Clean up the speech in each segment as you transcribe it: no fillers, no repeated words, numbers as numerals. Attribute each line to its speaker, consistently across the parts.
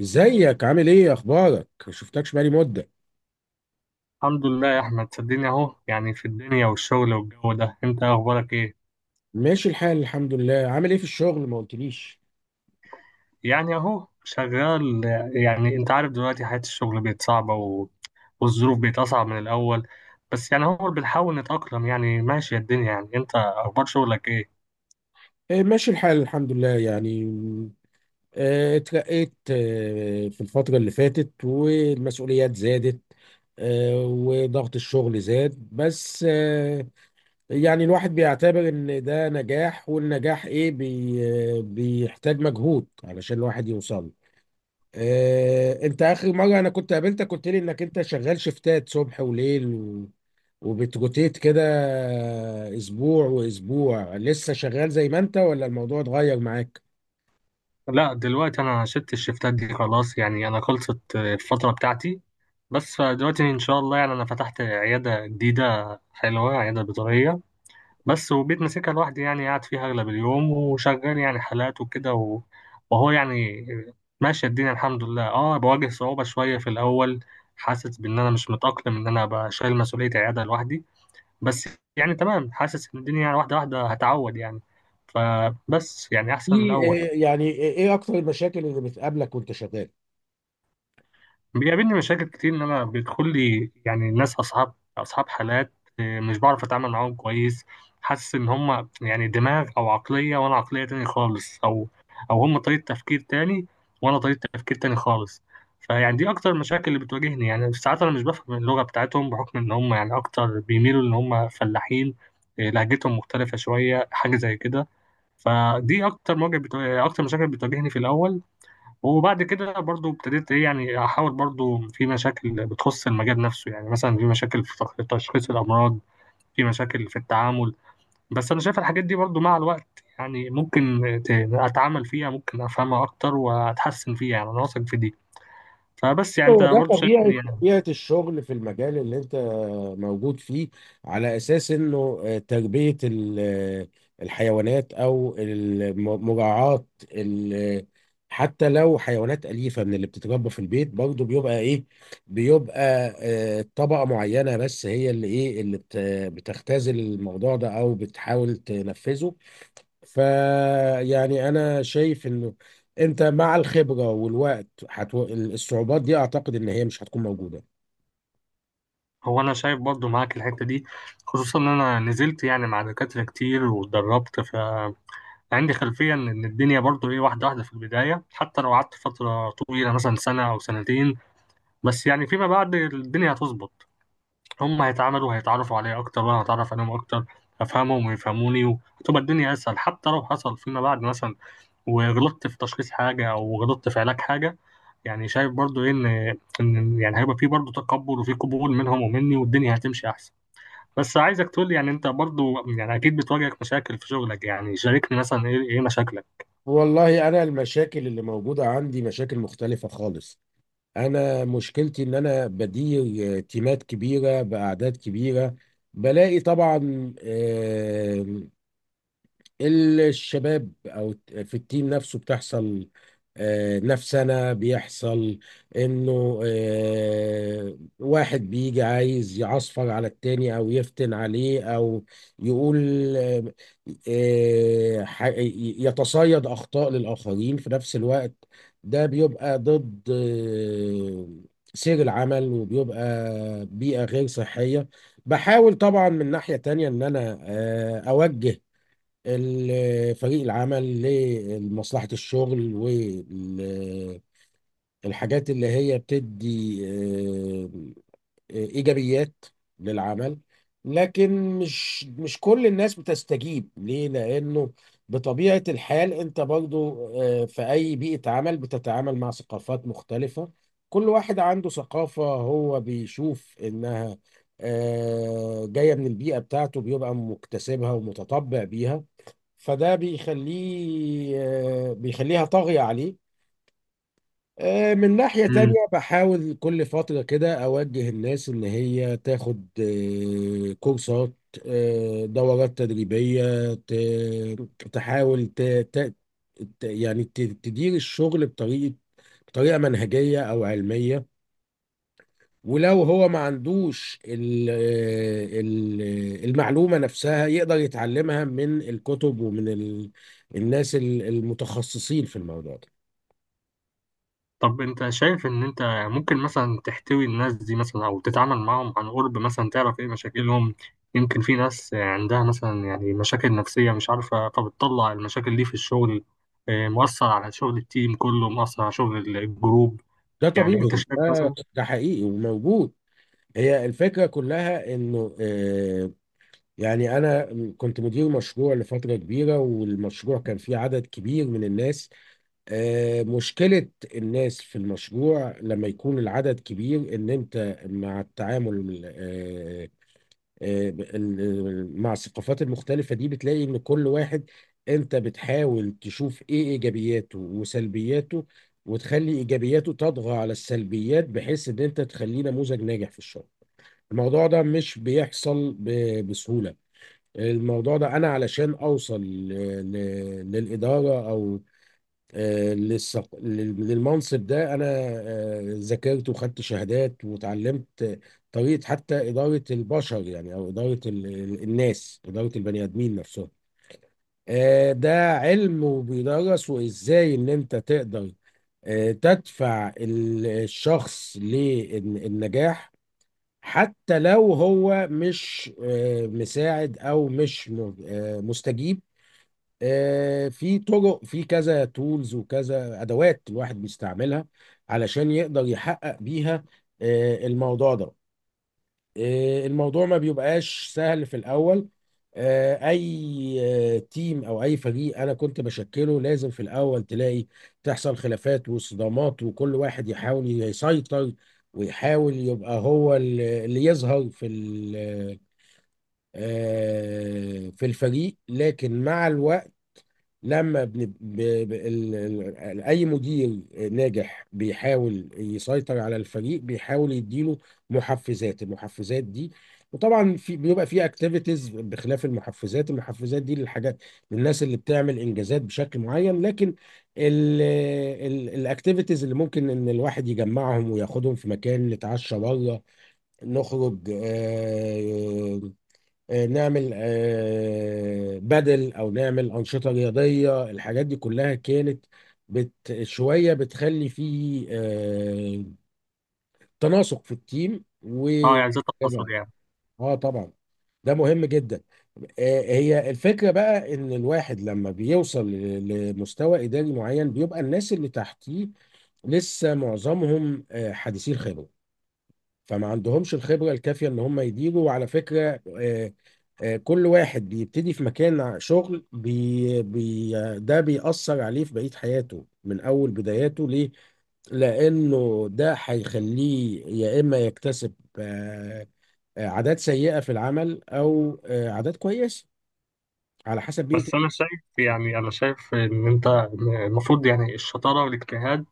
Speaker 1: ازيك؟ عامل ايه؟ اخبارك؟ شفتكش بقالي مده.
Speaker 2: الحمد لله يا احمد، صدقني اهو، يعني في الدنيا والشغل والجو ده. انت اخبارك ايه؟
Speaker 1: ماشي الحال، الحمد لله. عامل ايه في الشغل؟ ما قلتليش.
Speaker 2: يعني اهو شغال. يعني انت عارف دلوقتي حياة الشغل بقت صعبة والظروف بقت اصعب من الاول. بس يعني هو بنحاول نتأقلم، يعني ماشية الدنيا. يعني انت اخبار شغلك ايه؟
Speaker 1: إيه، ماشي الحال، الحمد لله. يعني م، آه، اترقيت في الفتره اللي فاتت، والمسؤوليات زادت. وضغط الشغل زاد، بس يعني الواحد بيعتبر ان ده نجاح، والنجاح ايه بي بيحتاج مجهود علشان الواحد يوصل له. انت اخر مره انا كنت قابلتك قلت لي انك انت شغال شفتات صبح وليل، وبتروتيت كده، اسبوع واسبوع، لسه شغال زي ما انت ولا الموضوع اتغير معاك؟
Speaker 2: لا، دلوقتي انا شلت الشفتات دي خلاص، يعني انا خلصت الفترة بتاعتي. بس دلوقتي ان شاء الله، يعني انا فتحت عيادة جديدة حلوة، عيادة بيطرية. بس وبيت ماسكها لوحدي، يعني قاعد فيها أغلب اليوم وشغال يعني حالات وكده وهو يعني. ماشية الدنيا الحمد لله. اه بواجه صعوبة شوية في الأول، حاسس بإن أنا مش متأقلم إن أنا أبقى شايل مسؤولية عيادة لوحدي. بس يعني تمام، حاسس إن الدنيا يعني واحدة واحدة هتعود يعني. فبس يعني أحسن من الأول.
Speaker 1: يعني ايه اكتر المشاكل اللي بتقابلك وانت شغال؟
Speaker 2: بيقابلني مشاكل كتير ان انا بيدخل لي يعني ناس اصحاب حالات. مش بعرف اتعامل معاهم كويس. حاسس ان هم يعني دماغ او عقلية، وانا عقلية تاني خالص، او هم طريقة تفكير تاني، وانا طريقة تفكير تاني خالص. فيعني دي اكتر المشاكل اللي بتواجهني، يعني ساعات انا مش بفهم اللغة بتاعتهم بحكم ان هم يعني اكتر بيميلوا ان هم فلاحين. لهجتهم مختلفة شوية، حاجة زي كده. فدي اكتر مشاكل بتواجهني في الاول. وبعد كده برضو ابتديت ايه، يعني احاول، برضو في مشاكل بتخص المجال نفسه، يعني مثلا في مشاكل في تشخيص الامراض، في مشاكل في التعامل. بس انا شايف الحاجات دي برضو مع الوقت، يعني ممكن اتعامل فيها، ممكن افهمها اكتر واتحسن فيها، يعني انا واثق في دي. فبس يعني انت
Speaker 1: هو ده
Speaker 2: برضو
Speaker 1: طبيعة
Speaker 2: شايفني يعني.
Speaker 1: طبيعة الشغل في المجال اللي انت موجود فيه، على اساس انه تربية الحيوانات او مراعاة ال- حتى لو حيوانات أليفة من اللي بتتربى في البيت، برضه بيبقى ايه، بيبقى طبقة معينة، بس هي اللي بتختزل الموضوع ده او بتحاول تنفذه. فيعني انا شايف انه انت مع الخبره والوقت الصعوبات دي اعتقد ان هي مش هتكون موجوده.
Speaker 2: هو انا شايف برضو معاك الحتة دي، خصوصا ان انا نزلت يعني مع دكاترة كتير واتدربت، ف عندي خلفية إن الدنيا برضو إيه واحدة واحدة في البداية، حتى لو قعدت فترة طويلة مثلا سنة أو سنتين. بس يعني فيما بعد الدنيا هتظبط. هم هيتعاملوا هيتعرفوا عليا اكتر، وانا هتعرف عليهم اكتر، افهمهم ويفهموني، وهتبقى الدنيا اسهل. حتى لو حصل فيما بعد مثلا وغلطت في تشخيص حاجه او غلطت في علاج حاجه، يعني شايف برضو ايه ان يعني هيبقى في برضو تقبل وفي قبول منهم ومني، والدنيا هتمشي احسن. بس عايزك تقول لي يعني، انت برضو يعني اكيد بتواجهك مشاكل في شغلك، يعني شاركني مثلا ايه ايه مشاكلك.
Speaker 1: والله، انا المشاكل اللي موجوده عندي مشاكل مختلفه خالص. انا مشكلتي ان انا بدير تيمات كبيره باعداد كبيره. بلاقي طبعا الشباب، او في التيم نفسه بتحصل نفسنا بيحصل انه واحد بيجي عايز يعصفر على التاني، او يفتن عليه، او يقول آه، يتصيد اخطاء للاخرين في نفس الوقت. ده بيبقى ضد سير العمل، وبيبقى بيئة غير صحية. بحاول طبعا من ناحية تانية ان انا اوجه فريق العمل لمصلحة الشغل، والحاجات اللي هي بتدي آه، إيجابيات للعمل. لكن مش كل الناس بتستجيب ليه؟ لأنه بطبيعة الحال أنت برضو في أي بيئة عمل بتتعامل مع ثقافات مختلفة. كل واحد عنده ثقافة هو بيشوف إنها جاية من البيئة بتاعته، بيبقى مكتسبها ومتطبع بيها. فده بيخليها طاغية عليه. من ناحية تانية بحاول كل فترة كده أوجه الناس إن هي تاخد كورسات، دورات تدريبية تحاول تدير الشغل بطريقة، بطريقة منهجية أو علمية. ولو هو ما عندوش المعلومة نفسها يقدر يتعلمها من الكتب، ومن الناس المتخصصين في الموضوع ده.
Speaker 2: طب انت شايف ان انت ممكن مثلا تحتوي الناس دي مثلا، او تتعامل معاهم عن قرب مثلا، تعرف ايه مشاكلهم؟ يمكن في ناس عندها مثلا يعني مشاكل نفسية مش عارفة، فبتطلع المشاكل دي في الشغل. اه، مؤثر على شغل التيم كله، مؤثر على شغل الجروب.
Speaker 1: ده
Speaker 2: يعني انت
Speaker 1: طبيعي،
Speaker 2: شايف
Speaker 1: ده,
Speaker 2: مثلا.
Speaker 1: ده حقيقي وموجود. هي الفكرة كلها انه يعني انا كنت مدير مشروع لفترة كبيرة، والمشروع كان فيه عدد كبير من الناس. مشكلة الناس في المشروع لما يكون العدد كبير ان انت مع التعامل مع الثقافات المختلفة دي بتلاقي ان كل واحد، انت بتحاول تشوف ايه ايجابياته وسلبياته، وتخلي ايجابياته تطغى على السلبيات، بحيث ان انت تخليه نموذج ناجح في الشغل. الموضوع ده مش بيحصل بسهولة. الموضوع ده انا علشان اوصل للإدارة او للمنصب ده، انا ذاكرت وخدت شهادات وتعلمت طريقه حتى اداره البشر، يعني او اداره الناس، اداره البني ادمين نفسهم. ده علم وبيدرس، وازاي ان انت تقدر تدفع الشخص للنجاح، حتى لو هو مش مساعد، او مش مستجيب. في طرق، في كذا تولز وكذا ادوات الواحد بيستعملها علشان يقدر يحقق بيها الموضوع ده. الموضوع ما بيبقاش سهل في الاول. اي تيم او اي فريق انا كنت بشكله، لازم في الاول تلاقي تحصل خلافات وصدامات، وكل واحد يحاول يسيطر ويحاول يبقى هو اللي يظهر في في الفريق. لكن مع الوقت، لما بن... ب... ب... ال... ال... اي مدير ناجح بيحاول يسيطر على الفريق، بيحاول يديله محفزات. المحفزات دي، وطبعا بيبقى في اكتيفيتيز بخلاف المحفزات دي للحاجات، للناس اللي بتعمل انجازات بشكل معين. لكن الاكتيفيتيز اللي ممكن ان الواحد يجمعهم وياخدهم في مكان، نتعشى بره، نخرج، نعمل بدل، او نعمل انشطه رياضيه. الحاجات دي كلها كانت بت شويه بتخلي فيه تناسق في التيم و
Speaker 2: اه، يعني زي
Speaker 1: جدع.
Speaker 2: التواصل يعني.
Speaker 1: اه، طبعا ده مهم جدا. هي الفكره بقى ان الواحد لما بيوصل لمستوى اداري معين، بيبقى الناس اللي تحتيه لسه معظمهم حديثي الخبره، فما عندهمش الخبرة الكافية ان هم يديروا. وعلى فكرة، كل واحد بيبتدي في مكان شغل بي بي ده بيأثر عليه في بقية حياته من أول بداياته. ليه؟ لأنه ده هيخليه يا إما يكتسب آه، عادات سيئة في العمل، أو عادات كويسة، على حسب بيئة.
Speaker 2: بس انا شايف ان انت المفروض يعني الشطارة والاجتهاد،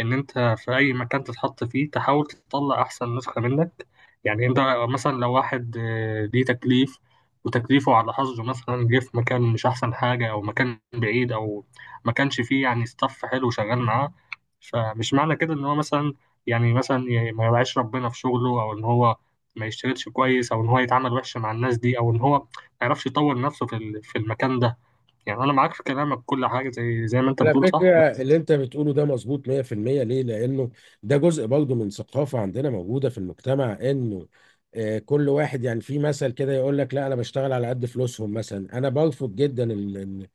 Speaker 2: ان انت في اي مكان تتحط فيه تحاول تطلع احسن نسخة منك. يعني انت مثلا لو واحد ليه تكليف، وتكليفه على حظه مثلا جه في مكان مش احسن حاجة او مكان بعيد، او ما كانش فيه يعني ستاف حلو شغال معاه. فمش معنى كده ان هو مثلا، يعني مثلا ما يوعيش ربنا في شغله، او ان هو ما يشتغلش كويس، او ان هو يتعامل وحش مع الناس دي، او ان هو ما يعرفش يطور نفسه في المكان ده. يعني انا معاك في كلامك كل حاجة، زي ما انت
Speaker 1: على
Speaker 2: بتقول،
Speaker 1: فكرة،
Speaker 2: صح.
Speaker 1: اللي انت بتقوله ده مظبوط 100%. ليه؟ لانه ده جزء برضه من ثقافة عندنا موجودة في المجتمع، انه كل واحد يعني في مثل كده يقول لك: لا، انا بشتغل على قد فلوسهم. مثلا انا برفض جدا ال ال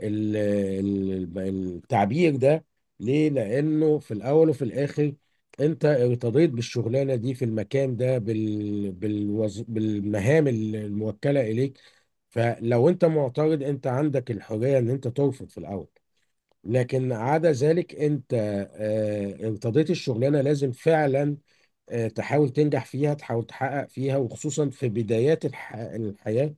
Speaker 1: ال ال التعبير ده. ليه؟ لانه في الاول وفي الاخر، انت ارتضيت بالشغلانة دي في المكان ده، بالوز، بالمهام الموكلة اليك. فلو انت معترض، انت عندك الحرية ان انت ترفض في الاول. لكن عدا ذلك، انت ارتضيت الشغلانه، لازم فعلا تحاول تنجح فيها، تحاول تحقق فيها، وخصوصا في بدايات الحياه.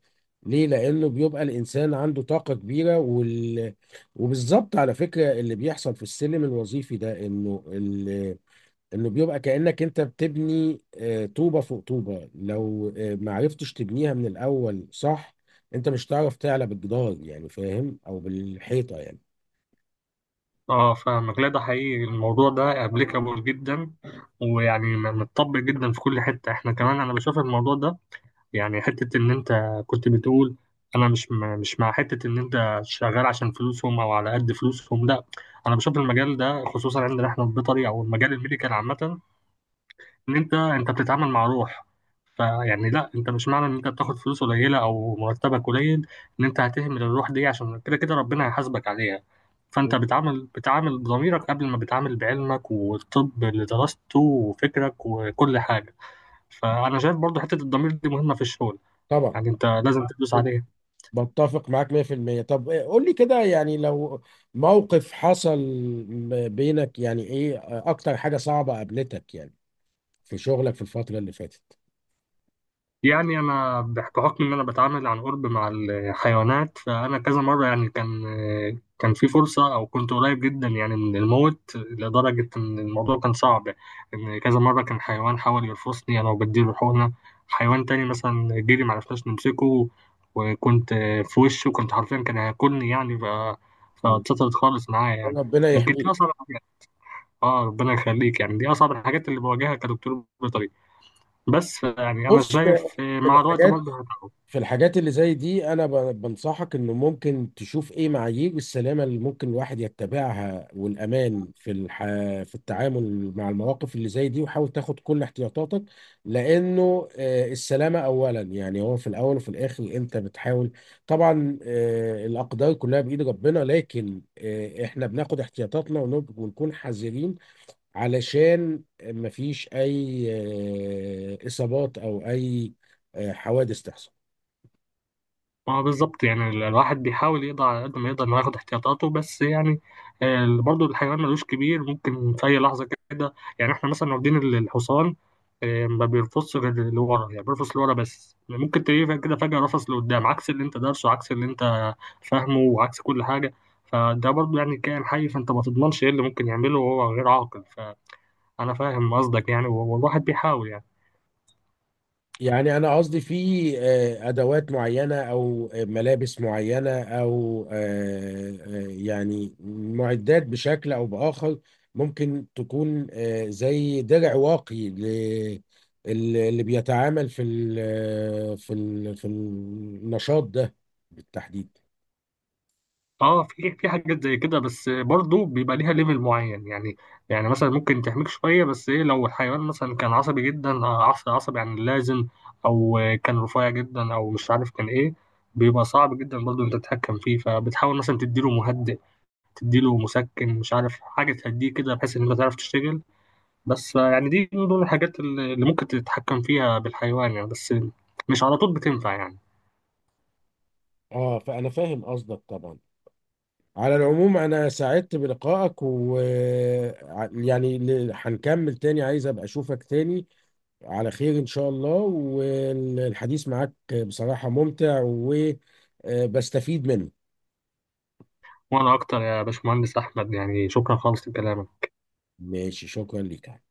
Speaker 1: ليه؟ لانه بيبقى الانسان عنده طاقه كبيره، وبالظبط على فكره، اللي بيحصل في السلم الوظيفي ده انه انه بيبقى كانك انت بتبني طوبه فوق طوبه. لو ما عرفتش تبنيها من الاول صح، انت مش هتعرف تعلى بالجدار، يعني فاهم؟ او بالحيطه، يعني.
Speaker 2: اه، فاهمك. لا، ده حقيقي، الموضوع ده ابليكابل جدا، ويعني متطبق جدا في كل حته، احنا كمان انا بشوف الموضوع ده. يعني حته ان انت كنت بتقول، انا مش مش مع حته ان انت شغال عشان فلوسهم او على قد فلوسهم. لا، انا بشوف المجال ده خصوصا عندنا احنا في بيطري، او المجال الميديكال عامه، ان انت بتتعامل مع روح. فيعني لا، انت مش معنى ان انت بتاخد فلوس قليله او مرتبك قليل ان انت هتهمل الروح دي. عشان كده كده ربنا هيحاسبك عليها. فانت بتعامل بضميرك قبل ما بتعامل بعلمك والطب اللي درسته وفكرك وكل حاجه. فانا شايف برضو حته الضمير دي مهمه في الشغل،
Speaker 1: طبعا،
Speaker 2: يعني انت لازم تدوس عليها.
Speaker 1: بتفق معاك 100%. طب إيه، قول لي كده، يعني لو موقف حصل بينك، يعني ايه اكتر حاجة صعبة قابلتك يعني في شغلك في الفترة اللي فاتت؟
Speaker 2: يعني أنا بحكم إن أنا بتعامل عن قرب مع الحيوانات، فأنا كذا مرة يعني كان في فرصة أو كنت قريب جدا يعني من الموت لدرجة إن الموضوع كان صعب. إن كذا مرة كان حيوان حاول يرفسني أنا وبديله حقنة. حيوان تاني مثلا جري معرفناش نمسكه، وكنت في وشه، وكنت حرفيا كان هياكلني، يعني
Speaker 1: مم.
Speaker 2: فاتسطرت خالص معايا يعني.
Speaker 1: ربنا
Speaker 2: يمكن دي
Speaker 1: يحميك.
Speaker 2: أصعب حاجة. آه، ربنا يخليك. يعني دي أصعب الحاجات اللي بواجهها كدكتور بيطري. بس يعني أنا
Speaker 1: بص،
Speaker 2: شايف
Speaker 1: في
Speaker 2: مع الوقت
Speaker 1: الحاجات
Speaker 2: برضه هتقوى.
Speaker 1: في الحاجات اللي زي دي، انا بنصحك انه ممكن تشوف ايه معايير السلامه اللي ممكن الواحد يتبعها والامان في في التعامل مع المواقف اللي زي دي، وحاول تاخد كل احتياطاتك. لانه السلامه اولا. يعني هو في الاول وفي الاخر انت بتحاول، طبعا الاقدار كلها بايد ربنا، لكن احنا بناخد احتياطاتنا ونكون حذرين، علشان مفيش اي اصابات او اي حوادث تحصل.
Speaker 2: ما هو بالظبط، يعني الواحد بيحاول يقضي على قد ما يقدر إنه ياخد احتياطاته، بس يعني برضه الحيوان ملوش كبير، ممكن في أي لحظة كده، يعني إحنا مثلا واخدين الحصان. ما بيرفصش غير لورا، يعني بيرفص لورا، بس ممكن تلاقيه كده فجأة رفص لقدام، عكس اللي أنت دارسه، عكس اللي أنت فاهمه، وعكس كل حاجة. فده برضه يعني كائن حي، فأنت ما تضمنش إيه اللي ممكن يعمله وهو غير عاقل. فأنا فاهم قصدك يعني، والواحد بيحاول يعني.
Speaker 1: يعني انا قصدي في ادوات معينه، او ملابس معينه، او يعني معدات بشكل او باخر، ممكن تكون زي درع واقي اللي بيتعامل في ال آه، في ال في النشاط ده بالتحديد.
Speaker 2: اه، في حاجات زي كده، بس برضو بيبقى ليها ليفل معين يعني. يعني مثلا ممكن تحميك شويه، بس ايه، لو الحيوان مثلا كان عصبي جدا، عصبي عصبي عن اللازم، او كان رفيع جدا، او مش عارف كان ايه، بيبقى صعب جدا برضو انت تتحكم فيه. فبتحاول مثلا تديله مهدئ، تديله مسكن، مش عارف حاجه تهديه كده بحيث ان انت تعرف تشتغل. بس يعني دي من ضمن الحاجات اللي ممكن تتحكم فيها بالحيوان يعني. بس مش على طول بتنفع يعني.
Speaker 1: اه، فانا فاهم قصدك طبعا. على العموم، انا سعدت بلقائك، ويعني هنكمل تاني، عايز ابقى اشوفك تاني على خير إن شاء الله. والحديث معاك بصراحة ممتع وبستفيد منه.
Speaker 2: وانا اكتر يا باشمهندس احمد، يعني شكرا خالص لكلامك.
Speaker 1: ماشي، شكرا ليك.